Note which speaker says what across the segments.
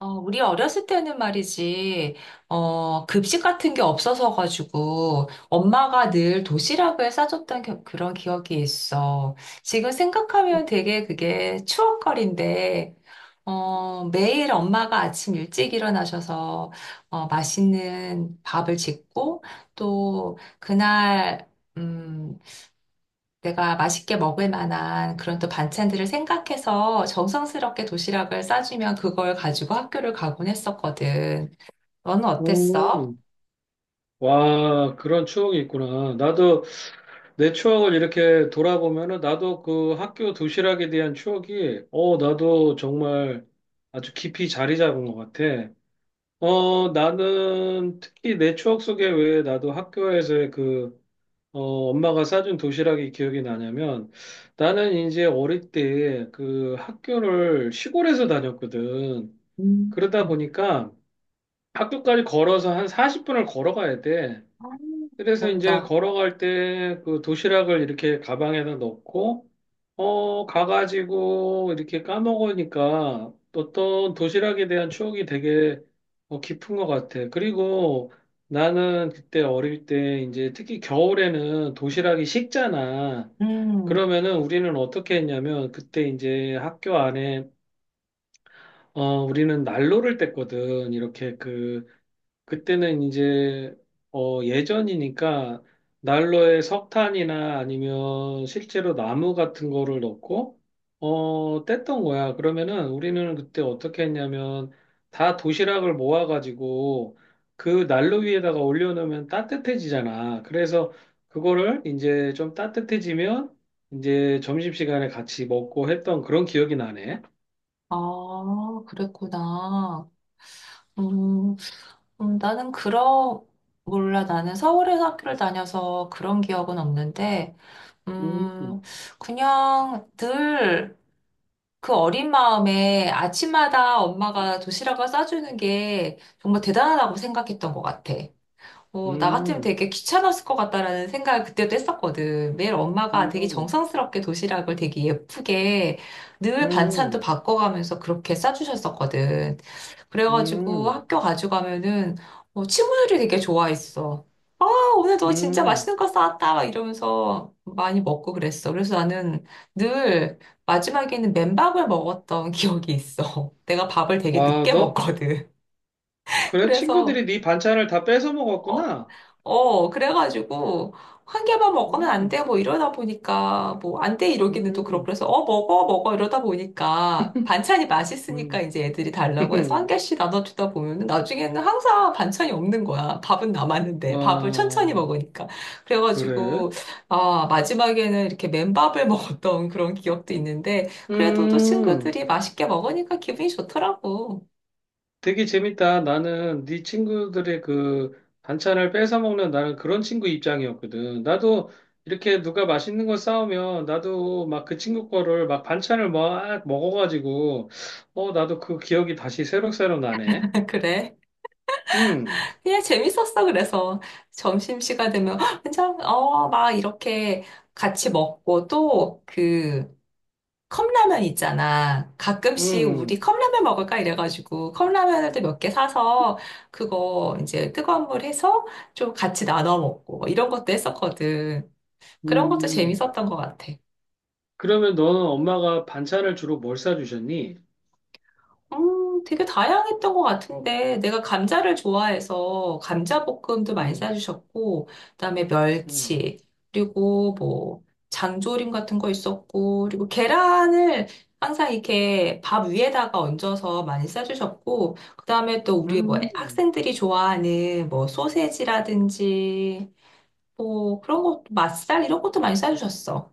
Speaker 1: 우리 어렸을 때는 말이지, 급식 같은 게 없어서 가지고 엄마가 늘 도시락을 그런 기억이 있어. 지금 생각하면 되게 그게 추억거리인데, 매일 엄마가 아침 일찍 일어나셔서 맛있는 밥을 짓고 또 그날 음, 내가 맛있게 먹을 만한 그런 또 반찬들을 생각해서 정성스럽게 도시락을 싸주면 그걸 가지고 학교를 가곤 했었거든. 너는 어땠어?
Speaker 2: 음, 와, 그런 추억이 있구나. 나도 내 추억을 이렇게 돌아보면은 나도 그 학교 도시락에 대한 추억이, 나도 정말 아주 깊이 자리 잡은 것 같아. 나는 특히 내 추억 속에 왜 나도 학교에서의 그, 어, 엄마가 싸준 도시락이 기억이 나냐면 나는 이제 어릴 때 그 학교를 시골에서 다녔거든.
Speaker 1: 음.
Speaker 2: 그러다 보니까 학교까지 걸어서 한 40분을 걸어가야 돼.
Speaker 1: 아,
Speaker 2: 그래서 이제
Speaker 1: 몰다.
Speaker 2: 걸어갈 때 그 도시락을 이렇게 가방에다 넣고, 가가지고 이렇게 까먹으니까 어떤 도시락에 대한 추억이 되게 깊은 것 같아. 그리고 나는 그때 어릴 때 이제 특히 겨울에는 도시락이 식잖아.
Speaker 1: 음.
Speaker 2: 그러면은 우리는 어떻게 했냐면 그때 이제 학교 안에 우리는 난로를 뗐거든. 이렇게 그 그때는 이제 예전이니까 난로에 석탄이나 아니면 실제로 나무 같은 거를 넣고 뗐던 거야. 그러면은 우리는 그때 어떻게 했냐면 다 도시락을 모아가지고 그 난로 위에다가 올려놓으면 따뜻해지잖아. 그래서 그거를 이제 좀 따뜻해지면 이제 점심시간에 같이 먹고 했던 그런 기억이 나네.
Speaker 1: 아, 그랬구나. 음, 나는 그런, 몰라. 나는 서울에서 학교를 다녀서 그런 기억은 없는데,
Speaker 2: 음,
Speaker 1: 음, 그냥 늘, 그 어린 마음에 아침마다 엄마가 도시락을 싸주는 게 정말 대단하다고 생각했던 것 같아. 나 같으면
Speaker 2: 음,
Speaker 1: 되게 귀찮았을 것 같다라는 생각을 그때도 했었거든. 매일 엄마가 되게
Speaker 2: 음,
Speaker 1: 정성스럽게 도시락을 되게 예쁘게 늘 반찬도
Speaker 2: 음,
Speaker 1: 바꿔가면서 그렇게 싸주셨었거든. 그래가지고
Speaker 2: 음.
Speaker 1: 학교 가져가면은 친구들이 되게 좋아했어. 오늘 너 진짜
Speaker 2: 음,
Speaker 1: 맛있는 거 싸왔다 막 이러면서 많이 먹고 그랬어. 그래서 나는 늘 마지막에는 맨밥을 먹었던 기억이 있어. 내가 밥을 되게
Speaker 2: 와,
Speaker 1: 늦게
Speaker 2: 너,
Speaker 1: 먹거든.
Speaker 2: 그래,
Speaker 1: 그래서
Speaker 2: 친구들이 네 반찬을 다 뺏어
Speaker 1: 어,
Speaker 2: 먹었구나.
Speaker 1: 그래가지고, 한 개만 먹으면 안
Speaker 2: 음,
Speaker 1: 돼, 뭐 이러다 보니까, 뭐 안 돼 이러기는 또 그렇고,
Speaker 2: 음,
Speaker 1: 그래서, 먹어, 먹어 이러다 보니까, 반찬이 맛있으니까
Speaker 2: 음.
Speaker 1: 이제 애들이 달라고 해서 한 개씩 나눠주다 보면은, 나중에는 항상 반찬이 없는 거야. 밥은 남았는데, 밥을 천천히
Speaker 2: 와,
Speaker 1: 먹으니까.
Speaker 2: 그래?
Speaker 1: 그래가지고, 아, 마지막에는 이렇게 맨밥을 먹었던 그런 기억도 있는데, 그래도 또
Speaker 2: 음,
Speaker 1: 친구들이 맛있게 먹으니까 기분이 좋더라고.
Speaker 2: 되게 재밌다. 나는 네 친구들의 그 반찬을 뺏어 먹는 나는 그런 친구 입장이었거든. 나도 이렇게 누가 맛있는 거 싸우면 나도 막 그 친구 거를 막 반찬을 막 먹어가지고, 나도 그 기억이 다시 새록새록 나네.
Speaker 1: 그래.
Speaker 2: 음,
Speaker 1: 그냥 재밌었어. 그래서 점심시간 되면 "헉, 괜찮 막 이렇게 같이 먹고 또 그 컵라면 있잖아. 가끔씩 우리
Speaker 2: 음,
Speaker 1: 컵라면 먹을까 이래가지고 컵라면을 또 몇 개 사서 그거 이제 뜨거운 물 해서 좀 같이 나눠 먹고 뭐 이런 것도 했었거든. 그런 것도
Speaker 2: 음.
Speaker 1: 재밌었던 것 같아.
Speaker 2: 그러면 너는 엄마가 반찬을 주로 뭘 싸주셨니?
Speaker 1: 되게 다양했던 것 같은데, 내가 감자를 좋아해서 감자볶음도 많이
Speaker 2: 음,
Speaker 1: 싸주셨고, 그다음에
Speaker 2: 음.
Speaker 1: 멸치, 그리고 뭐, 장조림 같은 거 있었고, 그리고 계란을 항상 이렇게 밥 위에다가 얹어서 많이 싸주셨고, 그다음에 또 우리 뭐
Speaker 2: 음.
Speaker 1: 학생들이 좋아하는 뭐 소세지라든지, 뭐 그런 것도 맛살 이런 것도 많이 싸주셨어.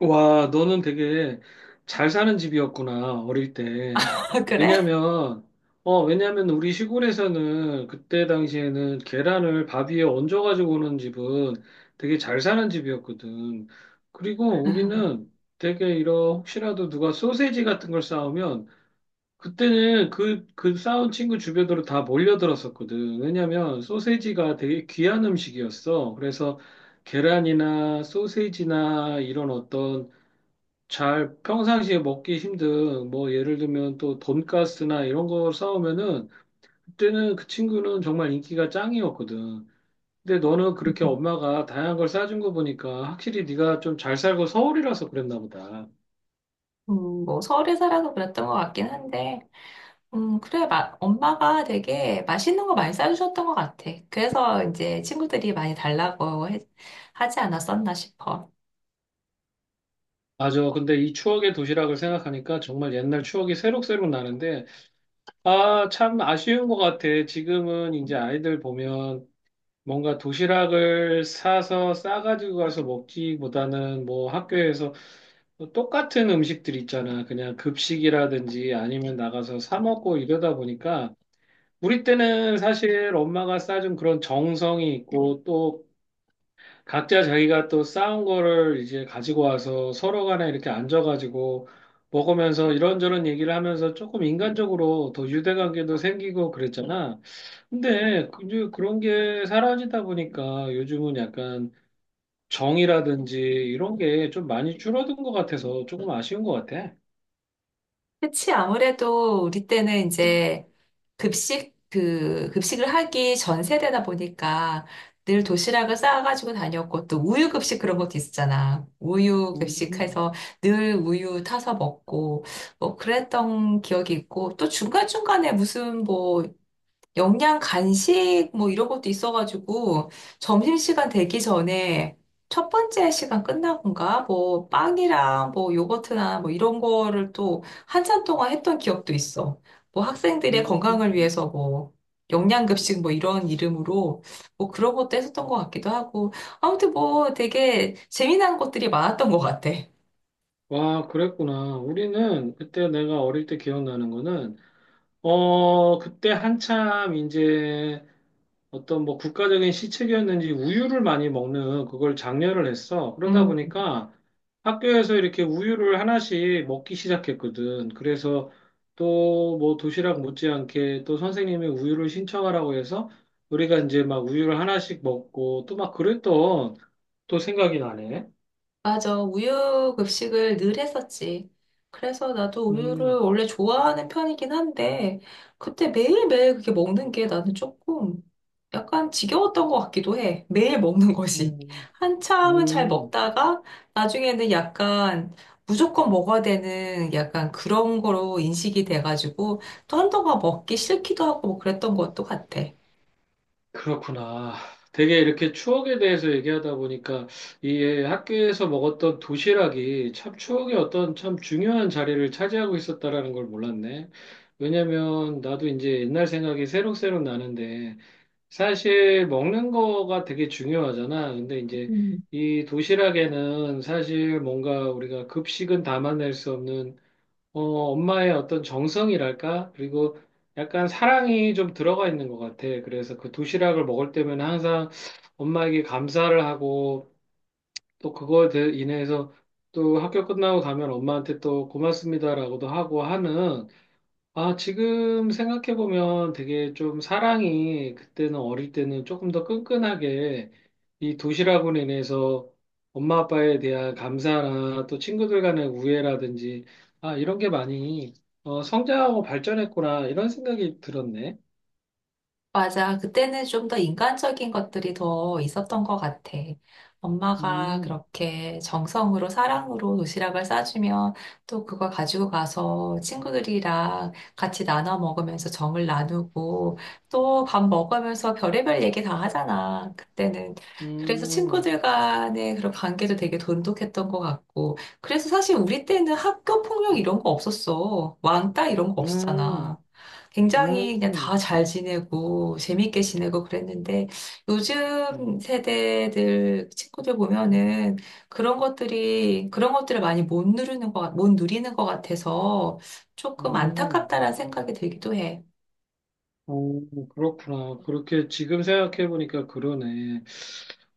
Speaker 2: 와, 너는 되게 잘 사는 집이었구나, 어릴 때.
Speaker 1: 그래?
Speaker 2: 왜냐면, 왜냐면 우리 시골에서는 그때 당시에는 계란을 밥 위에 얹어가지고 오는 집은 되게 잘 사는 집이었거든. 그리고 우리는 되게 이런 혹시라도 누가 소세지 같은 걸 싸오면 그때는 그 싸운 친구 주변으로 다 몰려들었었거든. 왜냐면 소세지가 되게 귀한 음식이었어. 그래서 계란이나 소세지나 이런 어떤 잘 평상시에 먹기 힘든 뭐 예를 들면 또 돈가스나 이런 거 싸우면은 그때는 그 친구는 정말 인기가 짱이었거든. 근데 너는 그렇게 엄마가 다양한 걸 싸준 거 보니까 확실히 네가 좀 잘 살고 서울이라서 그랬나 보다.
Speaker 1: 뭐 서울에 살아서 그랬던 것 같긴 한데, 그래, 마, 엄마가 되게 맛있는 거 많이 싸주셨던 것 같아. 그래서 이제 친구들이 많이 하지 않았었나 싶어.
Speaker 2: 맞아. 근데 이 추억의 도시락을 생각하니까 정말 옛날 추억이 새록새록 나는데 아, 참 아쉬운 것 같아. 지금은 이제 아이들 보면 뭔가 도시락을 사서 싸가지고 가서 먹기보다는 뭐 학교에서 똑같은 음식들 있잖아. 그냥 급식이라든지 아니면 나가서 사 먹고 이러다 보니까 우리 때는 사실 엄마가 싸준 그런 정성이 있고 또 각자 자기가 또 싸운 거를 이제 가지고 와서 서로 간에 이렇게 앉아가지고 먹으면서 이런저런 얘기를 하면서 조금 인간적으로 더 유대관계도 생기고 그랬잖아. 근데 이제 그런 게 사라지다 보니까 요즘은 약간 정이라든지 이런 게 좀 많이 줄어든 것 같아서 조금 아쉬운 것 같아.
Speaker 1: 그치, 아무래도 우리 때는 이제 급식을 하기 전 세대다 보니까 늘 도시락을 싸가지고 다녔고 또 우유 급식 그런 것도 있었잖아. 우유
Speaker 2: 음,
Speaker 1: 급식해서 늘 우유 타서 먹고 뭐 그랬던 기억이 있고 또 중간중간에 무슨 뭐 영양 간식 뭐 이런 것도 있어가지고 점심시간 되기 전에 첫 번째 시간 끝나고인가 뭐 빵이랑 뭐 요거트나 뭐 이런 거를 또 한참 동안 했던 기억도 있어. 뭐 학생들의
Speaker 2: 음.
Speaker 1: 건강을 위해서 뭐 영양급식 뭐 이런 이름으로 뭐 그런 것도 했었던 것 같기도 하고 아무튼 뭐 되게 재미난 것들이 많았던 것 같아.
Speaker 2: 와, 그랬구나. 우리는 그때 내가 어릴 때 기억나는 거는, 그때 한참 이제 어떤 뭐 국가적인 시책이었는지 우유를 많이 먹는 그걸 장려를 했어. 그러다
Speaker 1: 음.
Speaker 2: 보니까 학교에서 이렇게 우유를 하나씩 먹기 시작했거든. 그래서 또 뭐 도시락 못지않게 또 선생님이 우유를 신청하라고 해서 우리가 이제 막 우유를 하나씩 먹고 또 막 그랬던 또 생각이 나네.
Speaker 1: 맞아. 우유 급식을 늘 했었지. 그래서 나도 우유를
Speaker 2: 음,
Speaker 1: 원래 좋아하는 편이긴 한데, 그때 매일매일 그게 먹는 게 나는 조금 약간 지겨웠던 것 같기도 해. 매일 먹는 것이.
Speaker 2: 음,
Speaker 1: 한참은 잘
Speaker 2: 음.
Speaker 1: 먹다가, 나중에는 약간 무조건 먹어야 되는 약간 그런 거로 인식이 돼가지고, 또 한동안 먹기 싫기도 하고 뭐 그랬던 것도 같아.
Speaker 2: 그렇구나. 되게 이렇게 추억에 대해서 얘기하다 보니까 이 학교에서 먹었던 도시락이 참 추억의 어떤 참 중요한 자리를 차지하고 있었다라는 걸 몰랐네. 왜냐면 나도 이제 옛날 생각이 새록새록 나는데 사실 먹는 거가 되게 중요하잖아. 근데 이제 이 도시락에는 사실 뭔가 우리가 급식은 담아낼 수 없는 어, 엄마의 어떤 정성이랄까? 그리고 약간 사랑이 좀 들어가 있는 것 같아. 그래서 그 도시락을 먹을 때면 항상 엄마에게 감사를 하고 또 그거에 대해 인해서 또 학교 끝나고 가면 엄마한테 또 고맙습니다라고도 하고 하는 아, 지금 생각해보면 되게 좀 사랑이 그때는 어릴 때는 조금 더 끈끈하게 이 도시락으로 인해서 엄마 아빠에 대한 감사나 또 친구들 간의 우애라든지 아, 이런 게 많이 성장하고 발전했구나 이런 생각이 들었네.
Speaker 1: 맞아. 그때는 좀 더 인간적인 것들이 더 있었던 것 같아. 엄마가
Speaker 2: 음,
Speaker 1: 그렇게 정성으로 사랑으로 도시락을 싸주면 또 그걸 가지고 가서 친구들이랑 같이 나눠 먹으면서 정을 나누고 또 밥 먹으면서 별의별 얘기 다 하잖아. 그때는. 그래서
Speaker 2: 음,
Speaker 1: 친구들 간의 그런 관계도 되게 돈독했던 것 같고. 그래서 사실 우리 때는 학교 폭력 이런 거 없었어. 왕따 이런 거 없었잖아.
Speaker 2: 음,
Speaker 1: 굉장히 그냥 다
Speaker 2: 음,
Speaker 1: 잘 지내고 재밌게 지내고 그랬는데 요즘
Speaker 2: 음,
Speaker 1: 세대들 친구들 보면은 그런 것들이 그런 것들을 많이 못 누리는 것 같아서 조금
Speaker 2: 음.
Speaker 1: 안타깝다라는 생각이 들기도 해.
Speaker 2: 어, 그렇구나. 그렇게 지금 생각해보니까 그러네.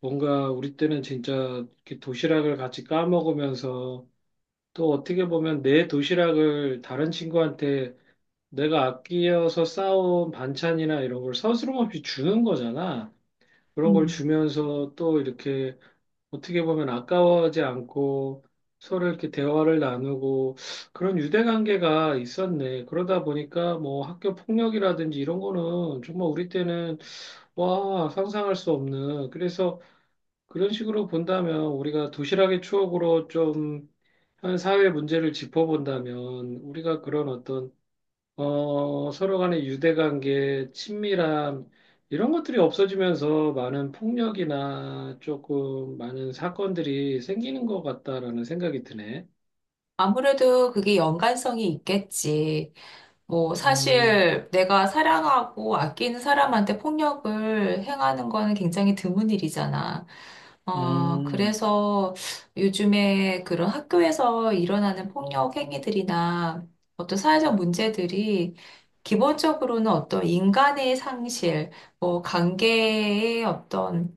Speaker 2: 뭔가 우리 때는 진짜 이렇게 도시락을 같이 까먹으면서 또 어떻게 보면 내 도시락을 다른 친구한테 내가 아끼어서 싸온 반찬이나 이런 걸 서스럼 없이 주는 거잖아. 그런 걸
Speaker 1: 음.
Speaker 2: 주면서 또 이렇게 어떻게 보면 아까워하지 않고 서로 이렇게 대화를 나누고 그런 유대 관계가 있었네. 그러다 보니까 뭐 학교 폭력이라든지 이런 거는 정말 우리 때는 와, 상상할 수 없는. 그래서 그런 식으로 본다면 우리가 도시락의 추억으로 좀 한 사회 문제를 짚어본다면 우리가 그런 어떤 서로 간의 유대관계, 친밀함, 이런 것들이 없어지면서 많은 폭력이나 조금 많은 사건들이 생기는 것 같다라는 생각이 드네.
Speaker 1: 아무래도 그게 연관성이 있겠지. 뭐,
Speaker 2: 음,
Speaker 1: 사실 내가 사랑하고 아끼는 사람한테 폭력을 행하는 거는 굉장히 드문 일이잖아.
Speaker 2: 음,
Speaker 1: 그래서 요즘에 그런 학교에서 일어나는 폭력 행위들이나 어떤 사회적 문제들이 기본적으로는 어떤 인간의 상실, 뭐, 관계의 어떤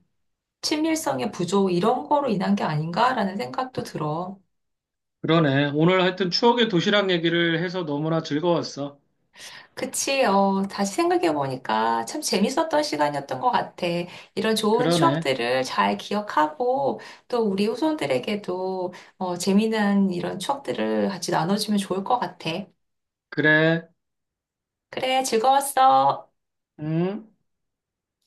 Speaker 1: 친밀성의 부족, 이런 거로 인한 게 아닌가라는 생각도 들어.
Speaker 2: 그러네. 오늘 하여튼 추억의 도시락 얘기를 해서 너무나 즐거웠어.
Speaker 1: 그치, 어, 다시 생각해보니까 참 재밌었던 시간이었던 것 같아. 이런 좋은
Speaker 2: 그러네.
Speaker 1: 추억들을 잘 기억하고 또 우리 후손들에게도 어, 재미난 이런 추억들을 같이 나눠주면 좋을 것 같아.
Speaker 2: 그래.
Speaker 1: 그래, 즐거웠어.
Speaker 2: 음.